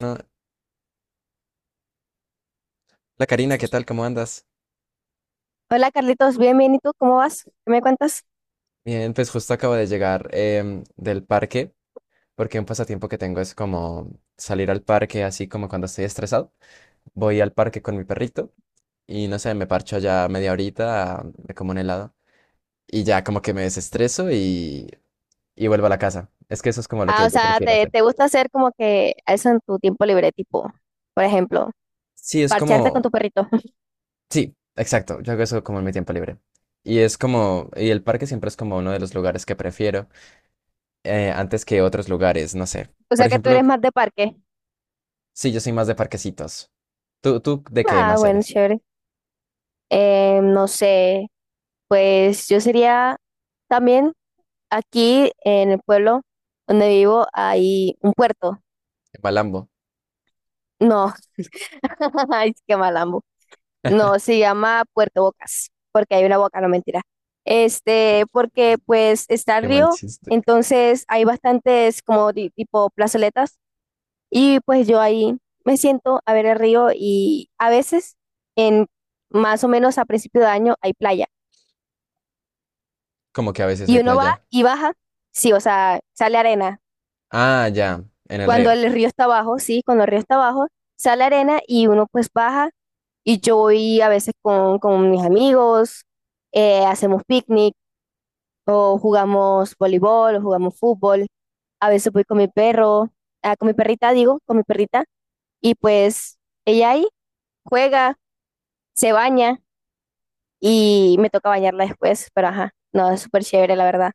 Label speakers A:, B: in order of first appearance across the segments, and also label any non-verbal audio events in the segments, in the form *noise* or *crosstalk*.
A: No, La Karina, ¿qué tal? ¿Cómo andas?
B: Hola Carlitos, bien, bien. ¿Y tú cómo vas? ¿Qué me cuentas?
A: Bien, pues justo acabo de llegar del parque, porque un pasatiempo que tengo es como salir al parque, así como cuando estoy estresado. Voy al parque con mi perrito y no sé, me parcho allá media horita, me como un helado y ya como que me desestreso y vuelvo a la casa. Es que eso es como lo
B: Ah,
A: que
B: o
A: yo
B: sea,
A: prefiero
B: te,
A: hacer.
B: te gusta hacer como que eso en tu tiempo libre, tipo, por ejemplo,
A: Sí, es
B: parcharte con
A: como,
B: tu perrito. *laughs*
A: sí, exacto, yo hago eso como en mi tiempo libre. Y es como, y el parque siempre es como uno de los lugares que prefiero antes que otros lugares, no sé.
B: O
A: Por
B: sea, que tú eres
A: ejemplo,
B: más de parque.
A: sí, yo soy más de parquecitos. ¿Tú de qué
B: Ah,
A: más
B: bueno,
A: eres?
B: chévere. No sé, pues yo sería también aquí en el pueblo donde vivo hay un puerto.
A: De Malambo.
B: No, *laughs* ay, qué mal.
A: *laughs*
B: No, se llama Puerto Bocas, porque hay una boca, no mentira. Este, porque pues está el
A: Qué mal
B: río,
A: chiste.
B: entonces hay bastantes como tipo plazoletas y pues yo ahí me siento a ver el río y a veces en más o menos a principio de año hay playa
A: Como que a veces
B: y
A: hay
B: uno va
A: playa.
B: y baja, sí, o sea, sale arena.
A: Ah, ya, en el
B: Cuando
A: río.
B: el río está abajo, sí, cuando el río está abajo, sale arena y uno pues baja y yo voy a veces con mis amigos, hacemos picnic o jugamos voleibol, o jugamos fútbol. A veces voy con mi perro, ah, con mi perrita, digo, con mi perrita, y pues ella ahí juega, se baña y me toca bañarla después, pero ajá, no, es súper chévere, la verdad.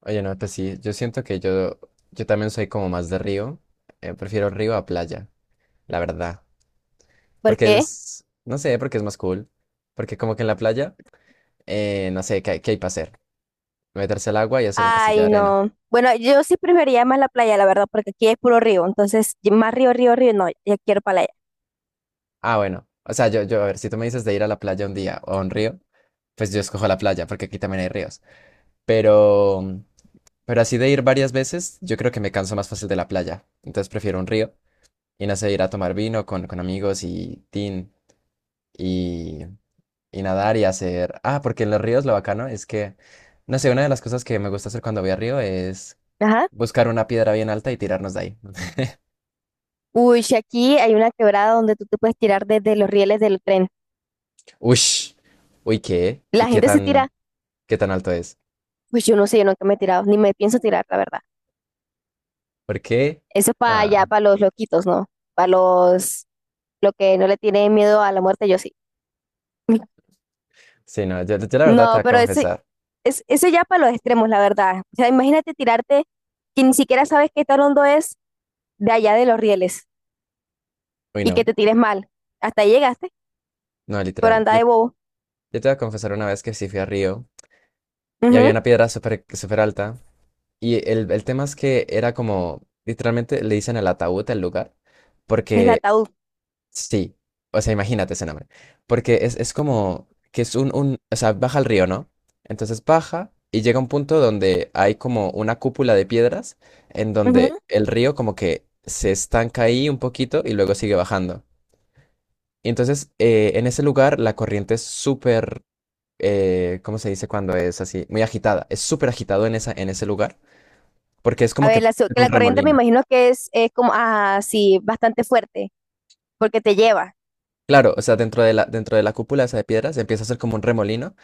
A: Oye, no, pues sí, yo siento que yo también soy como más de río. Prefiero río a playa, la verdad.
B: ¿Por
A: Porque
B: qué?
A: es, no sé, porque es más cool. Porque como que en la playa, no sé, qué hay para hacer? Meterse al agua y hacer un castillo de
B: Ay,
A: arena.
B: no. Bueno, yo sí preferiría más la playa, la verdad, porque aquí es puro río, entonces y más río, río, río, no, ya quiero playa.
A: Ah, bueno. O sea, a ver, si tú me dices de ir a la playa un día o a un río, pues yo escojo la playa, porque aquí también hay ríos. Pero, pero así de ir varias veces, yo creo que me canso más fácil de la playa. Entonces prefiero un río y no sé, ir a tomar vino con amigos y tin y, y nadar y hacer. Ah, porque en los ríos lo bacano es no sé, una de las cosas que me gusta hacer cuando voy a río es
B: Ajá.
A: buscar una piedra bien alta y tirarnos de ahí. *laughs*
B: Uy, si aquí hay una quebrada donde tú te puedes tirar desde los rieles del tren.
A: Ush, uy, ¿qué? ¿Y
B: La gente se tira,
A: qué tan alto es?
B: pues yo no sé, yo nunca me he tirado, ni me pienso tirar, la verdad.
A: ¿Por qué?
B: Eso para allá,
A: Nada.
B: para los loquitos, ¿no? Para los, lo que no le tienen miedo a la muerte, yo sí. *laughs*
A: Sí, no, yo la verdad te
B: No,
A: voy a
B: pero eso,
A: confesar.
B: es, eso ya para los extremos, la verdad. O sea, imagínate tirarte que ni siquiera sabes qué tan hondo es de allá de los rieles
A: Uy,
B: y que
A: no,
B: te tires mal. Hasta ahí llegaste,
A: no,
B: por
A: literal.
B: andar
A: Yo,
B: de bobo.
A: yo te voy a confesar una vez que sí fui a Río y había
B: Ujú.
A: una piedra súper súper alta. Y el tema es que era como, literalmente le dicen el ataúd al lugar,
B: Es el
A: porque
B: ataúd.
A: sí, o sea, imagínate ese nombre, porque es como que es o sea, baja el río, ¿no? Entonces baja y llega a un punto donde hay como una cúpula de piedras en
B: Ujú.
A: donde el río como que se estanca ahí un poquito y luego sigue bajando. Y entonces en ese lugar la corriente es súper ¿cómo se dice cuando es así? Muy agitada. Es súper agitado en en ese lugar, porque es
B: A
A: como
B: ver,
A: que
B: que
A: un
B: la corriente me
A: remolino.
B: imagino que es como, ah, sí, bastante fuerte, porque te lleva.
A: Claro, o sea, dentro de la cúpula esa de piedras empieza a ser como un remolino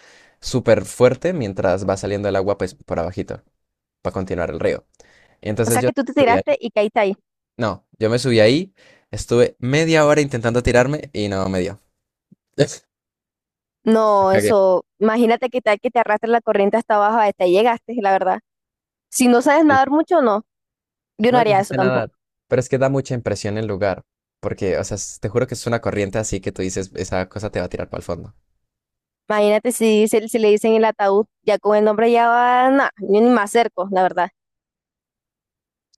A: súper fuerte mientras va saliendo el agua pues por abajito para continuar el río. Y
B: O
A: entonces
B: sea,
A: yo
B: que tú te
A: subí ahí.
B: tiraste y caíste ahí.
A: No, yo me subí ahí, estuve media hora intentando tirarme y no me dio. *laughs* Me
B: No,
A: cagué.
B: eso, imagínate que tal que te arrastre la corriente hasta abajo, hasta ahí llegaste, la verdad. Si no sabes
A: Sí.
B: nadar mucho, no, yo no
A: No, yo
B: haría
A: sí
B: eso
A: sé
B: tampoco.
A: nadar. Pero es que da mucha impresión el lugar, porque, o sea, te juro que es una corriente así que tú dices, esa cosa te va a tirar para el fondo.
B: Imagínate si, si le dicen el ataúd, ya con el nombre ya va, nada, yo ni me acerco, la verdad.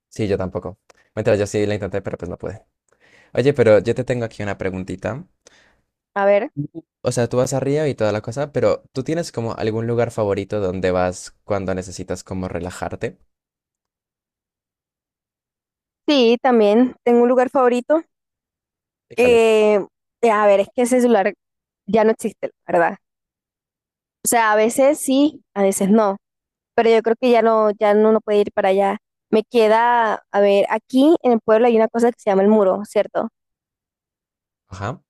A: Sí, yo tampoco. Mientras yo sí la intenté, pero pues no pude. Oye, pero yo te tengo aquí una preguntita.
B: A ver,
A: Ujú. O sea, tú vas a Río y toda la cosa, pero ¿tú tienes como algún lugar favorito donde vas cuando necesitas como relajarte?
B: sí, también tengo un lugar favorito
A: ¿Y cuál es?
B: que, a ver, es que ese celular ya no existe, la verdad. O sea, a veces sí, a veces no, pero yo creo que ya no, no puede ir para allá. Me queda, a ver, aquí en el pueblo hay una cosa que se llama el muro, ¿cierto?
A: Ajá.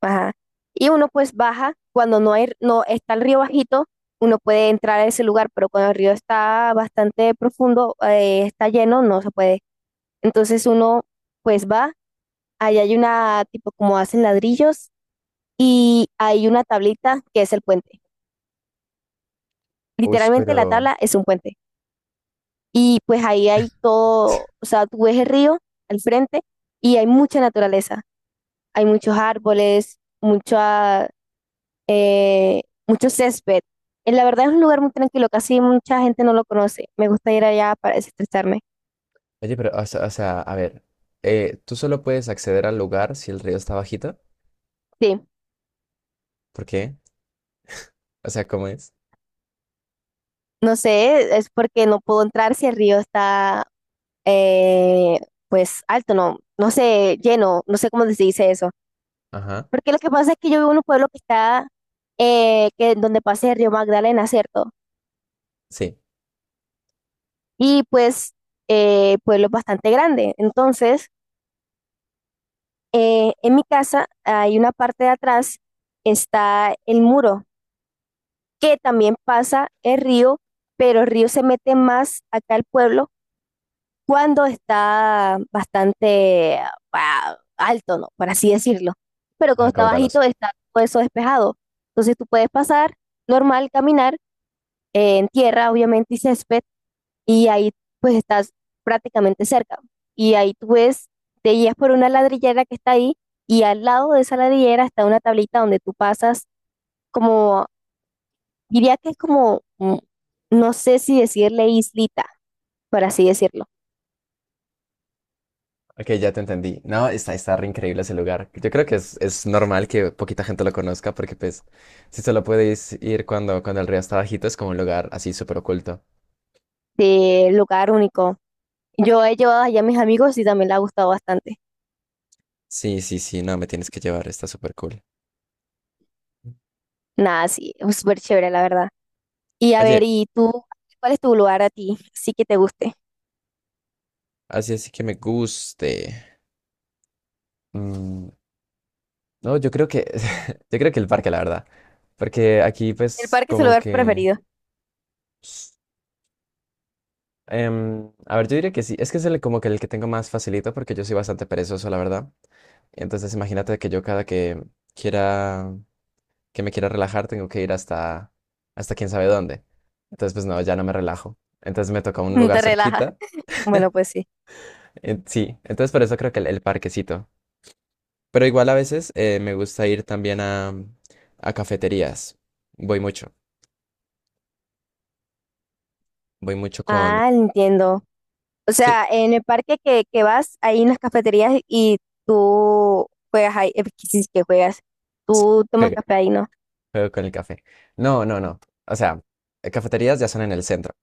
B: Ajá. Y uno pues baja, cuando no hay, no está el río bajito, uno puede entrar a ese lugar, pero cuando el río está bastante profundo, está lleno, no se puede. Entonces uno pues va, ahí hay una tipo como hacen ladrillos y hay una tablita que es el puente.
A: Uy,
B: Literalmente la
A: pero...
B: tabla es un puente. Y pues ahí hay todo, o sea, tú ves el río al frente y hay mucha naturaleza, hay muchos árboles, muchas mucho césped. La verdad es un lugar muy tranquilo, casi mucha gente no lo conoce. Me gusta ir allá para desestresarme.
A: Oye, pero, a ver, ¿tú solo puedes acceder al lugar si el río está bajito?
B: Sí,
A: ¿Por qué? O sea, ¿cómo es?
B: no sé, es porque no puedo entrar si el río está eh, pues alto, no, no sé, lleno, no sé cómo se dice eso.
A: Ajá.
B: Porque lo que pasa es que yo vivo en un pueblo que está, que donde pasa el río Magdalena, ¿cierto?
A: Sí,
B: Y pues, pueblo bastante grande. Entonces, en mi casa hay una parte de atrás, está el muro que también pasa el río, pero el río se mete más acá al pueblo cuando está bastante ah, alto, ¿no? Por así decirlo. Pero cuando
A: ajá,
B: está
A: caudaloso.
B: bajito está todo eso despejado. Entonces tú puedes pasar normal, caminar en tierra, obviamente, y césped, y ahí pues estás prácticamente cerca. Y ahí tú ves, te guías por una ladrillera que está ahí, y al lado de esa ladrillera está una tablita donde tú pasas como diría que es como, no sé si decirle islita, por así decirlo,
A: Ok, ya te entendí. No, está re increíble ese lugar. Yo creo que es normal que poquita gente lo conozca porque pues si solo puedes ir cuando el río está bajito es como un lugar así súper oculto.
B: de lugar único. Yo he llevado allá a mis amigos y también le ha gustado bastante.
A: Sí, sí, sí, no, me tienes que llevar, está súper cool.
B: Nada, sí, es súper chévere, la verdad. Y a ver,
A: Oye,
B: ¿y tú? ¿Cuál es tu lugar a ti? Sí que te guste.
A: así así que me guste. Mm, no, yo creo que, *laughs* yo creo que el parque, la verdad. Porque aquí
B: El
A: pues
B: parque es tu
A: como
B: lugar
A: que...
B: preferido.
A: a ver, yo diría que sí, es que es como que el que tengo más facilito porque yo soy bastante perezoso, la verdad. Entonces imagínate que yo cada que quiera, que me quiera relajar, tengo que ir hasta quién sabe dónde. Entonces, pues no, ya no me relajo. Entonces me toca un
B: *laughs*
A: lugar
B: Te relaja.
A: cerquita.
B: Bueno, pues sí.
A: Sí, entonces por eso creo que el parquecito. Pero igual a veces me gusta ir también a cafeterías. Voy mucho, voy mucho con...
B: Ah, entiendo. O
A: Sí,
B: sea, en el parque que vas, hay unas cafeterías y tú juegas ahí, pues, que sí, que juegas.
A: sí,
B: Tú tomas
A: juego,
B: café ahí, ¿no?
A: juego con el café. No, no, no. O sea, cafeterías ya son en el centro.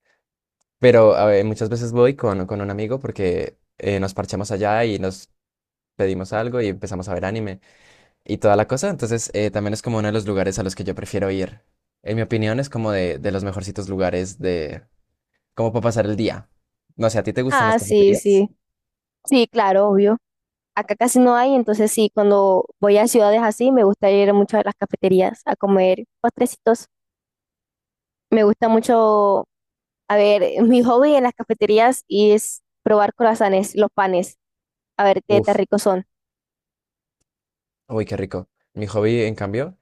A: Pero a ver, muchas veces voy con un amigo porque nos parchamos allá y nos pedimos algo y empezamos a ver anime y toda la cosa. Entonces, también es como uno de los lugares a los que yo prefiero ir. En mi opinión, es como de los mejorcitos lugares de como para pasar el día. No sé, ¿a ti te gustan las
B: Ah, sí,
A: cafeterías?
B: sí. Sí, claro, obvio. Acá casi no hay, entonces sí, cuando voy a ciudades así, me gusta ir mucho a las cafeterías a comer postrecitos. Me gusta mucho, a ver, *laughs* mi hobby en las cafeterías es probar croissants, los panes, a ver qué tan
A: Uf,
B: ricos son.
A: uy, qué rico. Mi hobby, en cambio,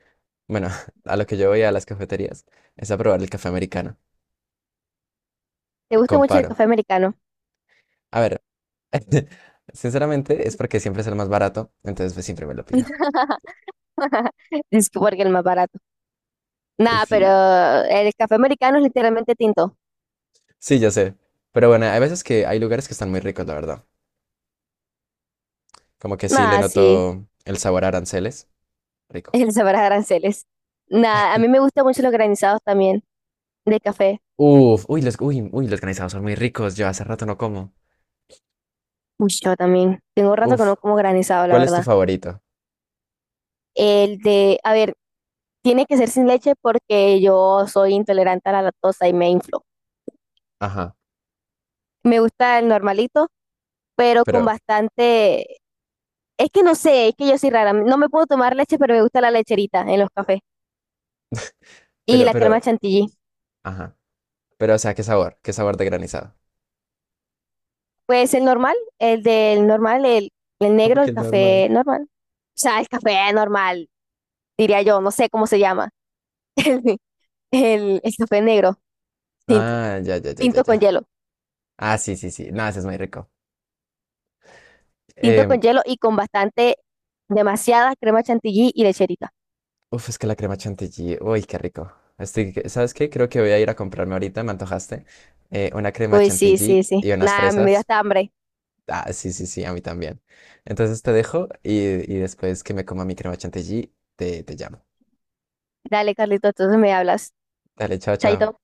A: bueno, *laughs* a lo que yo voy a las cafeterías es a probar el café americano.
B: ¿Te
A: Y
B: gusta mucho el
A: comparo.
B: café americano?
A: A ver, *laughs* sinceramente es porque siempre es el más barato, entonces pues siempre me lo pido.
B: *laughs* Es que porque es el más barato.
A: Pues
B: Nada, pero
A: sí.
B: el café americano es literalmente tinto.
A: Sí, ya sé. Pero bueno, hay veces que hay lugares que están muy ricos, la verdad. Como que sí le
B: Nada, sí,
A: noto el sabor a aranceles.
B: *laughs*
A: Rico.
B: el sabor a aranceles. Nada, a mí me gustan mucho los granizados también, de café.
A: Uf, uy, uy, los granizados son muy ricos. Yo hace rato no como.
B: Uy, yo también. Tengo rato que
A: Uf,
B: no como granizado, la
A: ¿cuál es tu
B: verdad.
A: favorito?
B: El de, a ver, tiene que ser sin leche porque yo soy intolerante a la lactosa y me inflo.
A: Ajá,
B: Me gusta el normalito, pero con
A: pero,
B: bastante... Es que no sé, es que yo soy rara. No me puedo tomar leche, pero me gusta la lecherita en los cafés y la crema
A: pero,
B: chantilly.
A: ajá. Pero, o sea, ¿qué sabor? ¿Qué sabor de granizado?
B: Pues el normal, el del normal, el
A: Como
B: negro,
A: que
B: el
A: el normal.
B: café normal. O sea, el café normal, diría yo, no sé cómo se llama. *laughs* El café negro, tinto,
A: Ah, ya, ya, ya, ya,
B: tinto
A: ya.
B: con hielo.
A: Ah, sí, sí, sí. No, ese es muy rico.
B: Tinto
A: Em,
B: con hielo y con bastante, demasiada crema chantilly y lecherita.
A: uf, es que la crema chantilly. Uy, qué rico. Estoy, ¿sabes qué? Creo que voy a ir a comprarme ahorita, me antojaste, una crema
B: Uy, sí, sí,
A: chantilly
B: sí.
A: y unas
B: Nada, a mí me dio
A: fresas.
B: hasta hambre.
A: Ah, sí, sí, sí, a mí también. Entonces te dejo y después que me coma mi crema chantilly, te llamo.
B: Dale, Carlito, entonces me hablas.
A: Dale, chao, chao.
B: Chaito.